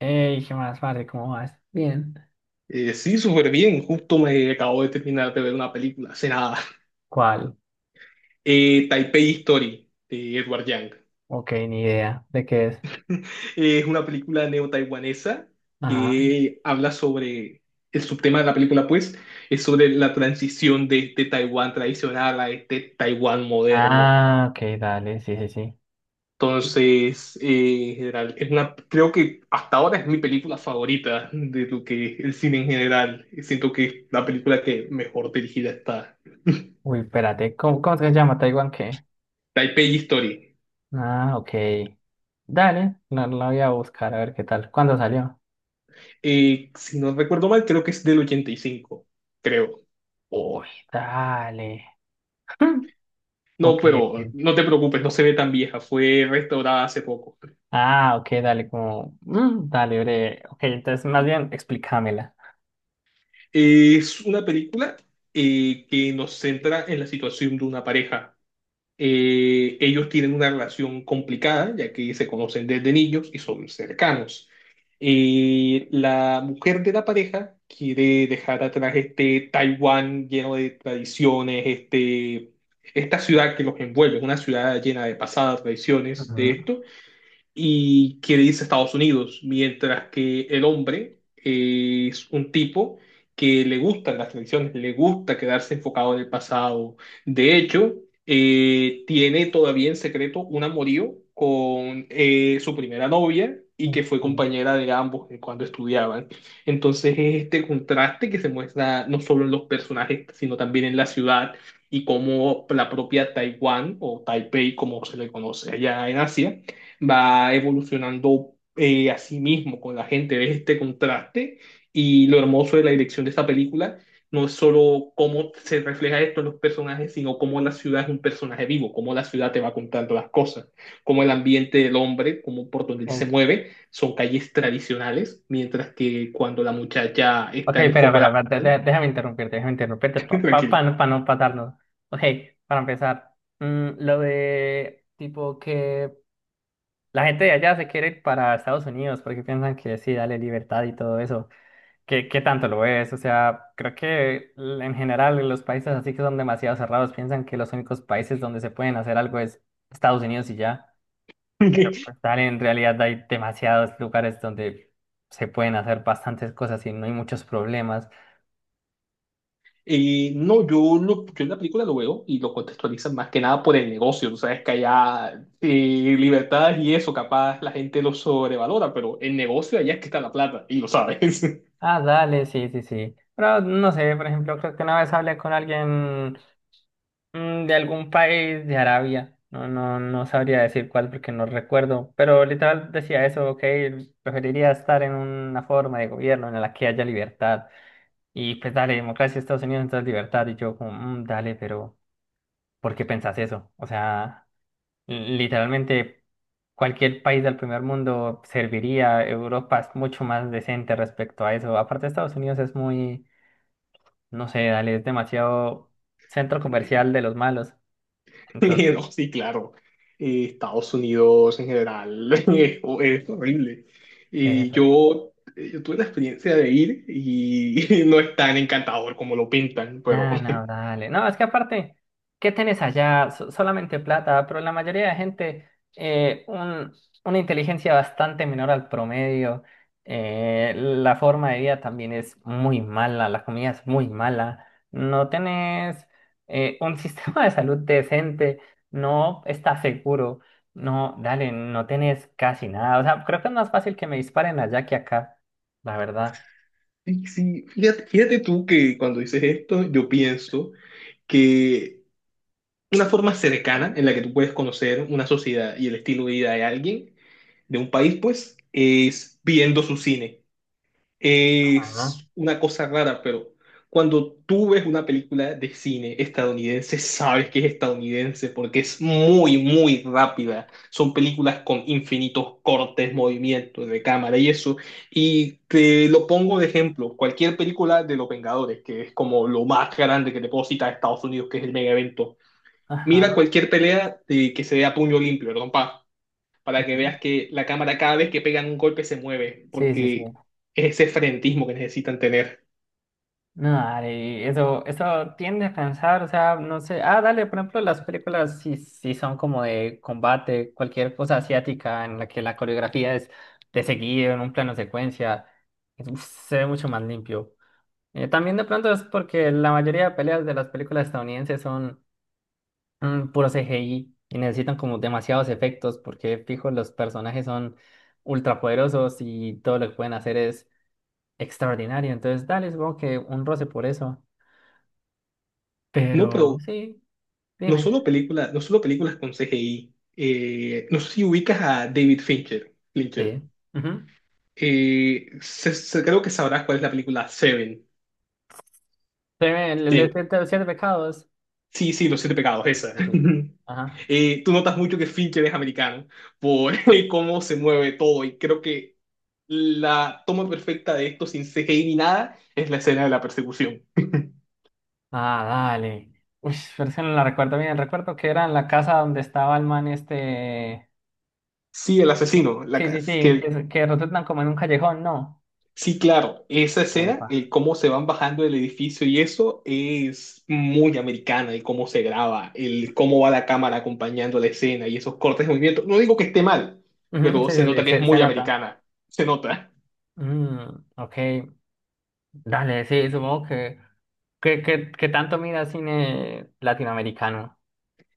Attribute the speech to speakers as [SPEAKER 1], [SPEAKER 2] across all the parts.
[SPEAKER 1] Hey, ¿qué más, parce? ¿Cómo vas? Bien.
[SPEAKER 2] Sí, súper bien. Justo me acabo de terminar de ver una película hace nada.
[SPEAKER 1] ¿Cuál?
[SPEAKER 2] Taipei Story de Edward Yang.
[SPEAKER 1] Ok, ni idea de qué es.
[SPEAKER 2] Es una película neo-taiwanesa
[SPEAKER 1] Ajá.
[SPEAKER 2] que habla sobre el subtema de la película, pues, es sobre la transición de este Taiwán tradicional a este Taiwán moderno.
[SPEAKER 1] Ah, ok, dale, sí, sí, sí.
[SPEAKER 2] Entonces, en general, creo que hasta ahora es mi película favorita de lo que es el cine en general. Siento que es la película que mejor dirigida está.
[SPEAKER 1] Uy, espérate, ¿cómo se llama? ¿Taiwán qué?
[SPEAKER 2] Taipei Story.
[SPEAKER 1] Ah, ok. Dale, la voy a buscar a ver qué tal. ¿Cuándo salió?
[SPEAKER 2] Si no recuerdo mal, creo que es del 85 creo.
[SPEAKER 1] Uy, dale.
[SPEAKER 2] No,
[SPEAKER 1] Ok,
[SPEAKER 2] pero
[SPEAKER 1] ok.
[SPEAKER 2] no te preocupes, no se ve tan vieja, fue restaurada hace poco.
[SPEAKER 1] Ah, ok, dale, como, dale, breve. Ok, entonces más bien explícamela.
[SPEAKER 2] Es una película que nos centra en la situación de una pareja. Ellos tienen una relación complicada, ya que se conocen desde niños y son cercanos. La mujer de la pareja quiere dejar atrás este Taiwán lleno de tradiciones, esta ciudad que los envuelve, una ciudad llena de pasadas tradiciones de
[SPEAKER 1] Ujú.
[SPEAKER 2] esto, y quiere irse a Estados Unidos, mientras que el hombre es un tipo que le gustan las tradiciones, le gusta quedarse enfocado en el pasado. De hecho, tiene todavía en secreto un amorío con su primera novia y
[SPEAKER 1] Ok,
[SPEAKER 2] que fue compañera de ambos cuando estudiaban. Entonces es este contraste que se muestra no solo en los personajes, sino también en la ciudad y cómo la propia Taiwán o Taipei, como se le conoce allá en Asia, va evolucionando a sí mismo con la gente, ves este contraste y lo hermoso de la dirección de esta película no es solo cómo se refleja esto en los personajes, sino cómo la ciudad es un personaje vivo, cómo la ciudad te va contando las cosas, cómo el ambiente del hombre, cómo por donde él se
[SPEAKER 1] ok,
[SPEAKER 2] mueve, son calles tradicionales, mientras que cuando la muchacha
[SPEAKER 1] ok,
[SPEAKER 2] está en el
[SPEAKER 1] espera,
[SPEAKER 2] foco de
[SPEAKER 1] espera,
[SPEAKER 2] la
[SPEAKER 1] espera,
[SPEAKER 2] pantalla,
[SPEAKER 1] déjame interrumpirte para pa, pa-
[SPEAKER 2] tranquilo.
[SPEAKER 1] pa no patarnos. Ok, para empezar, lo de tipo que la gente de allá se quiere ir para Estados Unidos porque piensan que sí, dale libertad y todo eso. ¿Qué tanto lo es? O sea, creo que en general los países así que son demasiado cerrados piensan que los únicos países donde se pueden hacer algo es Estados Unidos y ya. Pero pues dale, en realidad hay demasiados lugares donde se pueden hacer bastantes cosas y no hay muchos problemas.
[SPEAKER 2] No, yo en la película lo veo y lo contextualizan más que nada por el negocio. Tú sabes que allá libertades y eso, capaz la gente lo sobrevalora, pero el negocio allá es que está la plata y lo sabes.
[SPEAKER 1] Ah, dale, sí, sí, sí. Pero no sé, por ejemplo, creo que una vez hablé con alguien, de algún país de Arabia. No, no, no sabría decir cuál porque no recuerdo. Pero literal decía eso, ok, preferiría estar en una forma de gobierno en la que haya libertad. Y pues dale, democracia, Estados Unidos, entonces libertad. Y yo como, "Mm, dale, pero ¿por qué pensás eso? O sea, literalmente cualquier país del primer mundo serviría. Europa es mucho más decente respecto a eso. Aparte, Estados Unidos es muy, no sé, dale, es demasiado centro comercial de los malos". Entonces,
[SPEAKER 2] No, sí, claro. Estados Unidos en general es horrible.
[SPEAKER 1] es
[SPEAKER 2] Y
[SPEAKER 1] eso.
[SPEAKER 2] yo tuve la experiencia de ir y no es tan encantador como lo pintan, pero
[SPEAKER 1] No, no, dale. No, es que aparte, ¿qué tenés allá? Solamente plata, pero la mayoría de gente, eh, un- una inteligencia bastante menor al promedio. La forma de vida también es muy mala, la comida es muy mala. No tenés, un sistema de salud decente, no estás seguro. No, dale, no tenés casi nada. O sea, creo que es más fácil que me disparen allá que acá, la verdad.
[SPEAKER 2] sí, fíjate, fíjate tú que cuando dices esto, yo pienso que una forma cercana en la que tú puedes conocer una sociedad y el estilo de vida de alguien, de un país, pues, es viendo su cine.
[SPEAKER 1] Ajá.
[SPEAKER 2] Es una cosa rara, pero cuando tú ves una película de cine estadounidense, sabes que es estadounidense porque es muy, muy rápida. Son películas con infinitos cortes, movimientos de cámara y eso. Y te lo pongo de ejemplo, cualquier película de Los Vengadores, que es como lo más grande que te puedo citar a Estados Unidos, que es el mega evento. Mira
[SPEAKER 1] Ajá.
[SPEAKER 2] cualquier pelea de que se vea puño limpio, perdón, para que
[SPEAKER 1] Ujú.
[SPEAKER 2] veas que la cámara cada vez que pegan un golpe se mueve,
[SPEAKER 1] Sí, sí, sí.
[SPEAKER 2] porque es ese frenetismo que necesitan tener.
[SPEAKER 1] No, dale, eso tiende a cansar, o sea, no sé. Ah, dale, por ejemplo, las películas sí, sí son como de combate, cualquier cosa asiática en la que la coreografía es de seguido, en un plano secuencia, uf, se ve mucho más limpio. También de pronto es porque la mayoría de peleas de las películas estadounidenses son, puro CGI y necesitan como demasiados efectos porque, fijo, los personajes son ultrapoderosos y todo lo que pueden hacer es extraordinario. Entonces, dale, supongo que un roce por eso.
[SPEAKER 2] No,
[SPEAKER 1] Pero
[SPEAKER 2] pero
[SPEAKER 1] sí,
[SPEAKER 2] no
[SPEAKER 1] dime.
[SPEAKER 2] solo películas, no solo películas con CGI. No sé si ubicas a David Fincher. Fincher.
[SPEAKER 1] Sí. Ujú.
[SPEAKER 2] Creo que sabrás cuál es la película Seven.
[SPEAKER 1] Dime, el de
[SPEAKER 2] Sí,
[SPEAKER 1] siete, los siete pecados.
[SPEAKER 2] sí, sí, Los Siete Pecados,
[SPEAKER 1] Sí, sí,
[SPEAKER 2] esa.
[SPEAKER 1] sí, sí. Ajá.
[SPEAKER 2] Tú notas mucho que Fincher es americano por cómo se mueve todo y creo que la toma perfecta de esto sin CGI ni nada es la escena de la persecución.
[SPEAKER 1] Ah, dale. Uy, pero es que no la recuerdo bien. Recuerdo que era en la casa donde estaba el man este.
[SPEAKER 2] Sí, el
[SPEAKER 1] Sí,
[SPEAKER 2] asesino, la,
[SPEAKER 1] sí, sí,
[SPEAKER 2] ca-
[SPEAKER 1] sí,
[SPEAKER 2] que,
[SPEAKER 1] que rotulan como en un callejón, ¿no?
[SPEAKER 2] Sí, claro, esa
[SPEAKER 1] Ahí
[SPEAKER 2] escena,
[SPEAKER 1] va.
[SPEAKER 2] el cómo se van bajando del edificio y eso es muy americana, el cómo se graba, el cómo va la cámara acompañando la escena y esos cortes de movimiento. No digo que esté mal,
[SPEAKER 1] Ujú.
[SPEAKER 2] pero
[SPEAKER 1] Sí,
[SPEAKER 2] se
[SPEAKER 1] sí, sí.
[SPEAKER 2] nota que es
[SPEAKER 1] Se
[SPEAKER 2] muy
[SPEAKER 1] nota.
[SPEAKER 2] americana, se nota.
[SPEAKER 1] Mm, ok. Dale, sí, supongo que. ¿Qué tanto mira cine latinoamericano?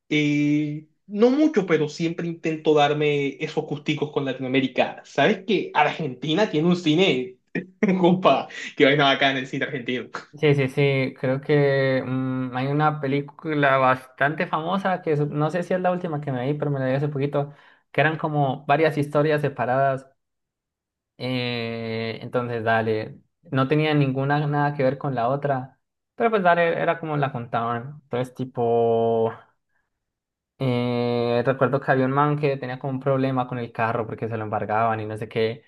[SPEAKER 2] No mucho, pero siempre intento darme esos gusticos con Latinoamérica. ¿Sabes que Argentina tiene un cine? Compa, que vaina bacana el cine argentino.
[SPEAKER 1] Sí, sí, sí, creo que, hay una película bastante famosa no sé si es la última que me vi, pero me la vi hace poquito, que eran como varias historias separadas. Entonces, dale, no tenía ninguna nada que ver con la otra, pero pues dale, era como la contaban. Entonces, tipo, recuerdo que había un man que tenía como un problema con el carro porque se lo embargaban y no sé qué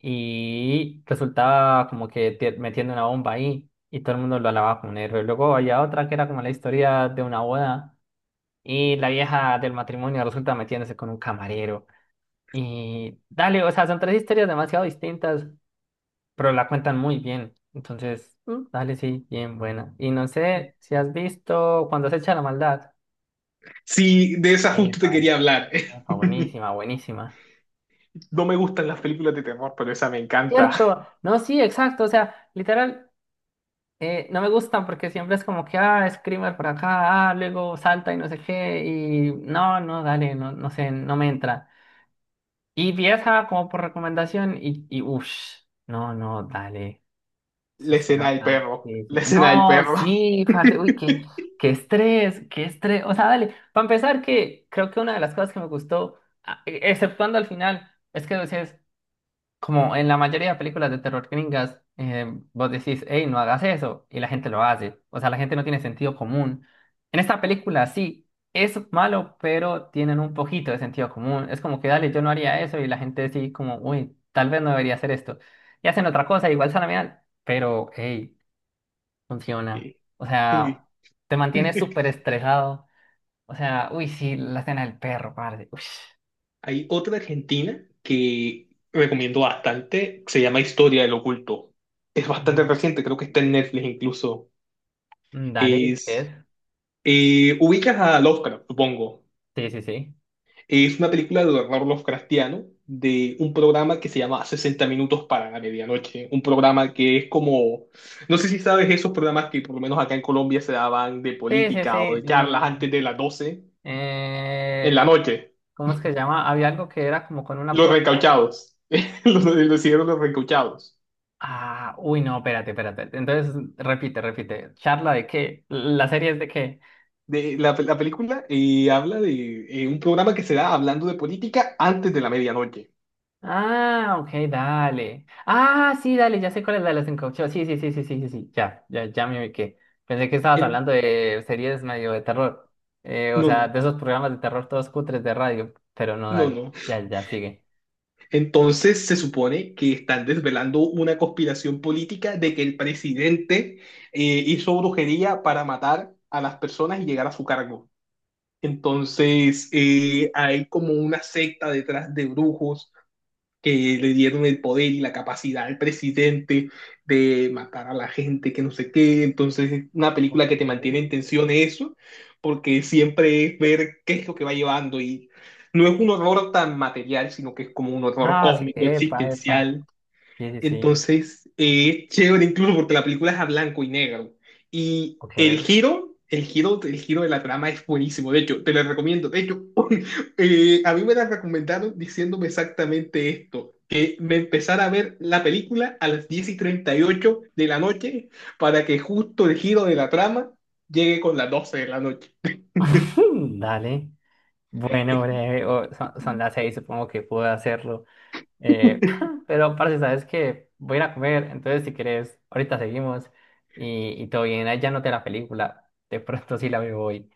[SPEAKER 1] y resultaba como que, metiendo una bomba ahí y todo el mundo lo alababa como un héroe. Luego había otra que era como la historia de una boda y la vieja del matrimonio resulta metiéndose con un camarero. Y dale, o sea, son tres historias demasiado distintas, pero la cuentan muy bien. Entonces, dale, sí, bien buena. Y no sé si has visto Cuando se echa la maldad.
[SPEAKER 2] Sí, de esa justo te
[SPEAKER 1] Epa,
[SPEAKER 2] quería
[SPEAKER 1] epa,
[SPEAKER 2] hablar.
[SPEAKER 1] epa, buenísima, buenísima.
[SPEAKER 2] No me gustan las películas de terror, pero esa me encanta.
[SPEAKER 1] Cierto, no, sí, exacto, o sea, literal. No me gustan porque siempre es como que, ah, screamer por acá, ah, luego salta y no sé qué, y no, no, dale, no, no sé, no me entra. Y vi esa como por recomendación y, uff, no, no, dale, se,
[SPEAKER 2] La
[SPEAKER 1] se
[SPEAKER 2] escena del
[SPEAKER 1] nota.
[SPEAKER 2] perro.
[SPEAKER 1] Sí,
[SPEAKER 2] La
[SPEAKER 1] sí.
[SPEAKER 2] escena del
[SPEAKER 1] No,
[SPEAKER 2] perro.
[SPEAKER 1] sí, parte, uy, qué, qué estrés, qué estrés. O sea, dale, para empezar que creo que una de las cosas que me gustó, exceptuando al final, es que decías, como en la mayoría de películas de terror gringas, vos decís, hey, no hagas eso, y la gente lo hace. O sea, la gente no tiene sentido común. En esta película sí, es malo, pero tienen un poquito de sentido común. Es como que, dale, yo no haría eso, y la gente sí, como, uy, tal vez no debería hacer esto. Y hacen otra cosa, igual sana mal, pero, hey, funciona.
[SPEAKER 2] Sí,
[SPEAKER 1] O sea,
[SPEAKER 2] sí.
[SPEAKER 1] te mantienes súper estresado. O sea, uy, sí, la escena del perro, padre. Uy,
[SPEAKER 2] Hay otra argentina que recomiendo bastante, se llama Historia del Oculto. Es bastante reciente, creo que está en Netflix incluso.
[SPEAKER 1] dale, ¿de ¿qué
[SPEAKER 2] Es
[SPEAKER 1] es?
[SPEAKER 2] Ubicas a Lovecraft, supongo.
[SPEAKER 1] Sí, sí, sí.
[SPEAKER 2] Es una película de horror Lovecraftiano de un programa que se llama 60 minutos para la medianoche. Un programa que es como, no sé si sabes esos programas que por lo menos acá en Colombia se daban de
[SPEAKER 1] Sí, sí, sí.
[SPEAKER 2] política o de charlas antes de las 12
[SPEAKER 1] Eh,
[SPEAKER 2] en la
[SPEAKER 1] ah,
[SPEAKER 2] noche.
[SPEAKER 1] ¿cómo es que se llama? Había algo que era como con una
[SPEAKER 2] Los
[SPEAKER 1] puerta.
[SPEAKER 2] recauchados. Los hicieron los recauchados.
[SPEAKER 1] Ah, uy, no, espérate, espérate. Entonces, repite, repite. ¿Charla de qué? ¿La serie es de qué?
[SPEAKER 2] La película habla de un programa que se da hablando de política antes de la medianoche.
[SPEAKER 1] Ah, ok, dale. Ah, sí, dale, ya sé cuál es la de los encauchados. Sí, sí, sí, sí, sí, sí, sí. Ya, ya, ya me ubiqué. Pensé que estabas
[SPEAKER 2] En-
[SPEAKER 1] hablando de series medio de terror. O
[SPEAKER 2] no,
[SPEAKER 1] sea, de
[SPEAKER 2] no,
[SPEAKER 1] esos programas de terror todos cutres de radio. Pero no,
[SPEAKER 2] no,
[SPEAKER 1] dale.
[SPEAKER 2] no.
[SPEAKER 1] Ya, ya, sigue.
[SPEAKER 2] Entonces se supone que están desvelando una conspiración política de que el presidente hizo brujería para matar a las personas y llegar a su cargo. Entonces hay como una secta detrás de brujos que le dieron el poder y la capacidad al presidente de matar a la gente, que no sé qué. Entonces, una
[SPEAKER 1] Ok.
[SPEAKER 2] película que te mantiene en tensión eso, porque siempre es ver qué es lo que va llevando y no es un horror tan material, sino que es como un horror
[SPEAKER 1] Ah, sí,
[SPEAKER 2] cósmico,
[SPEAKER 1] epa, epa.
[SPEAKER 2] existencial.
[SPEAKER 1] Sí, sí, sí.
[SPEAKER 2] Entonces, es chévere incluso porque la película es a blanco y negro. Y
[SPEAKER 1] Ok.
[SPEAKER 2] el giro de la trama es buenísimo. De hecho, te la recomiendo. De hecho, a mí me la recomendaron diciéndome exactamente esto. Que me empezara a ver la película a las 10:38 de la noche para que justo el giro de la trama llegue con las doce de la noche.
[SPEAKER 1] Mm, dale. Bueno, breve, son las 6, supongo que puedo hacerlo. Eh, pero, parce, sabes que voy a ir a comer, entonces si quieres, ahorita seguimos y, todo bien. Ahí ya noté la película, de pronto sí la veo hoy.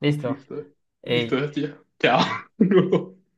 [SPEAKER 1] Listo.
[SPEAKER 2] Listo, listo,
[SPEAKER 1] Ey.
[SPEAKER 2] tío. Chao.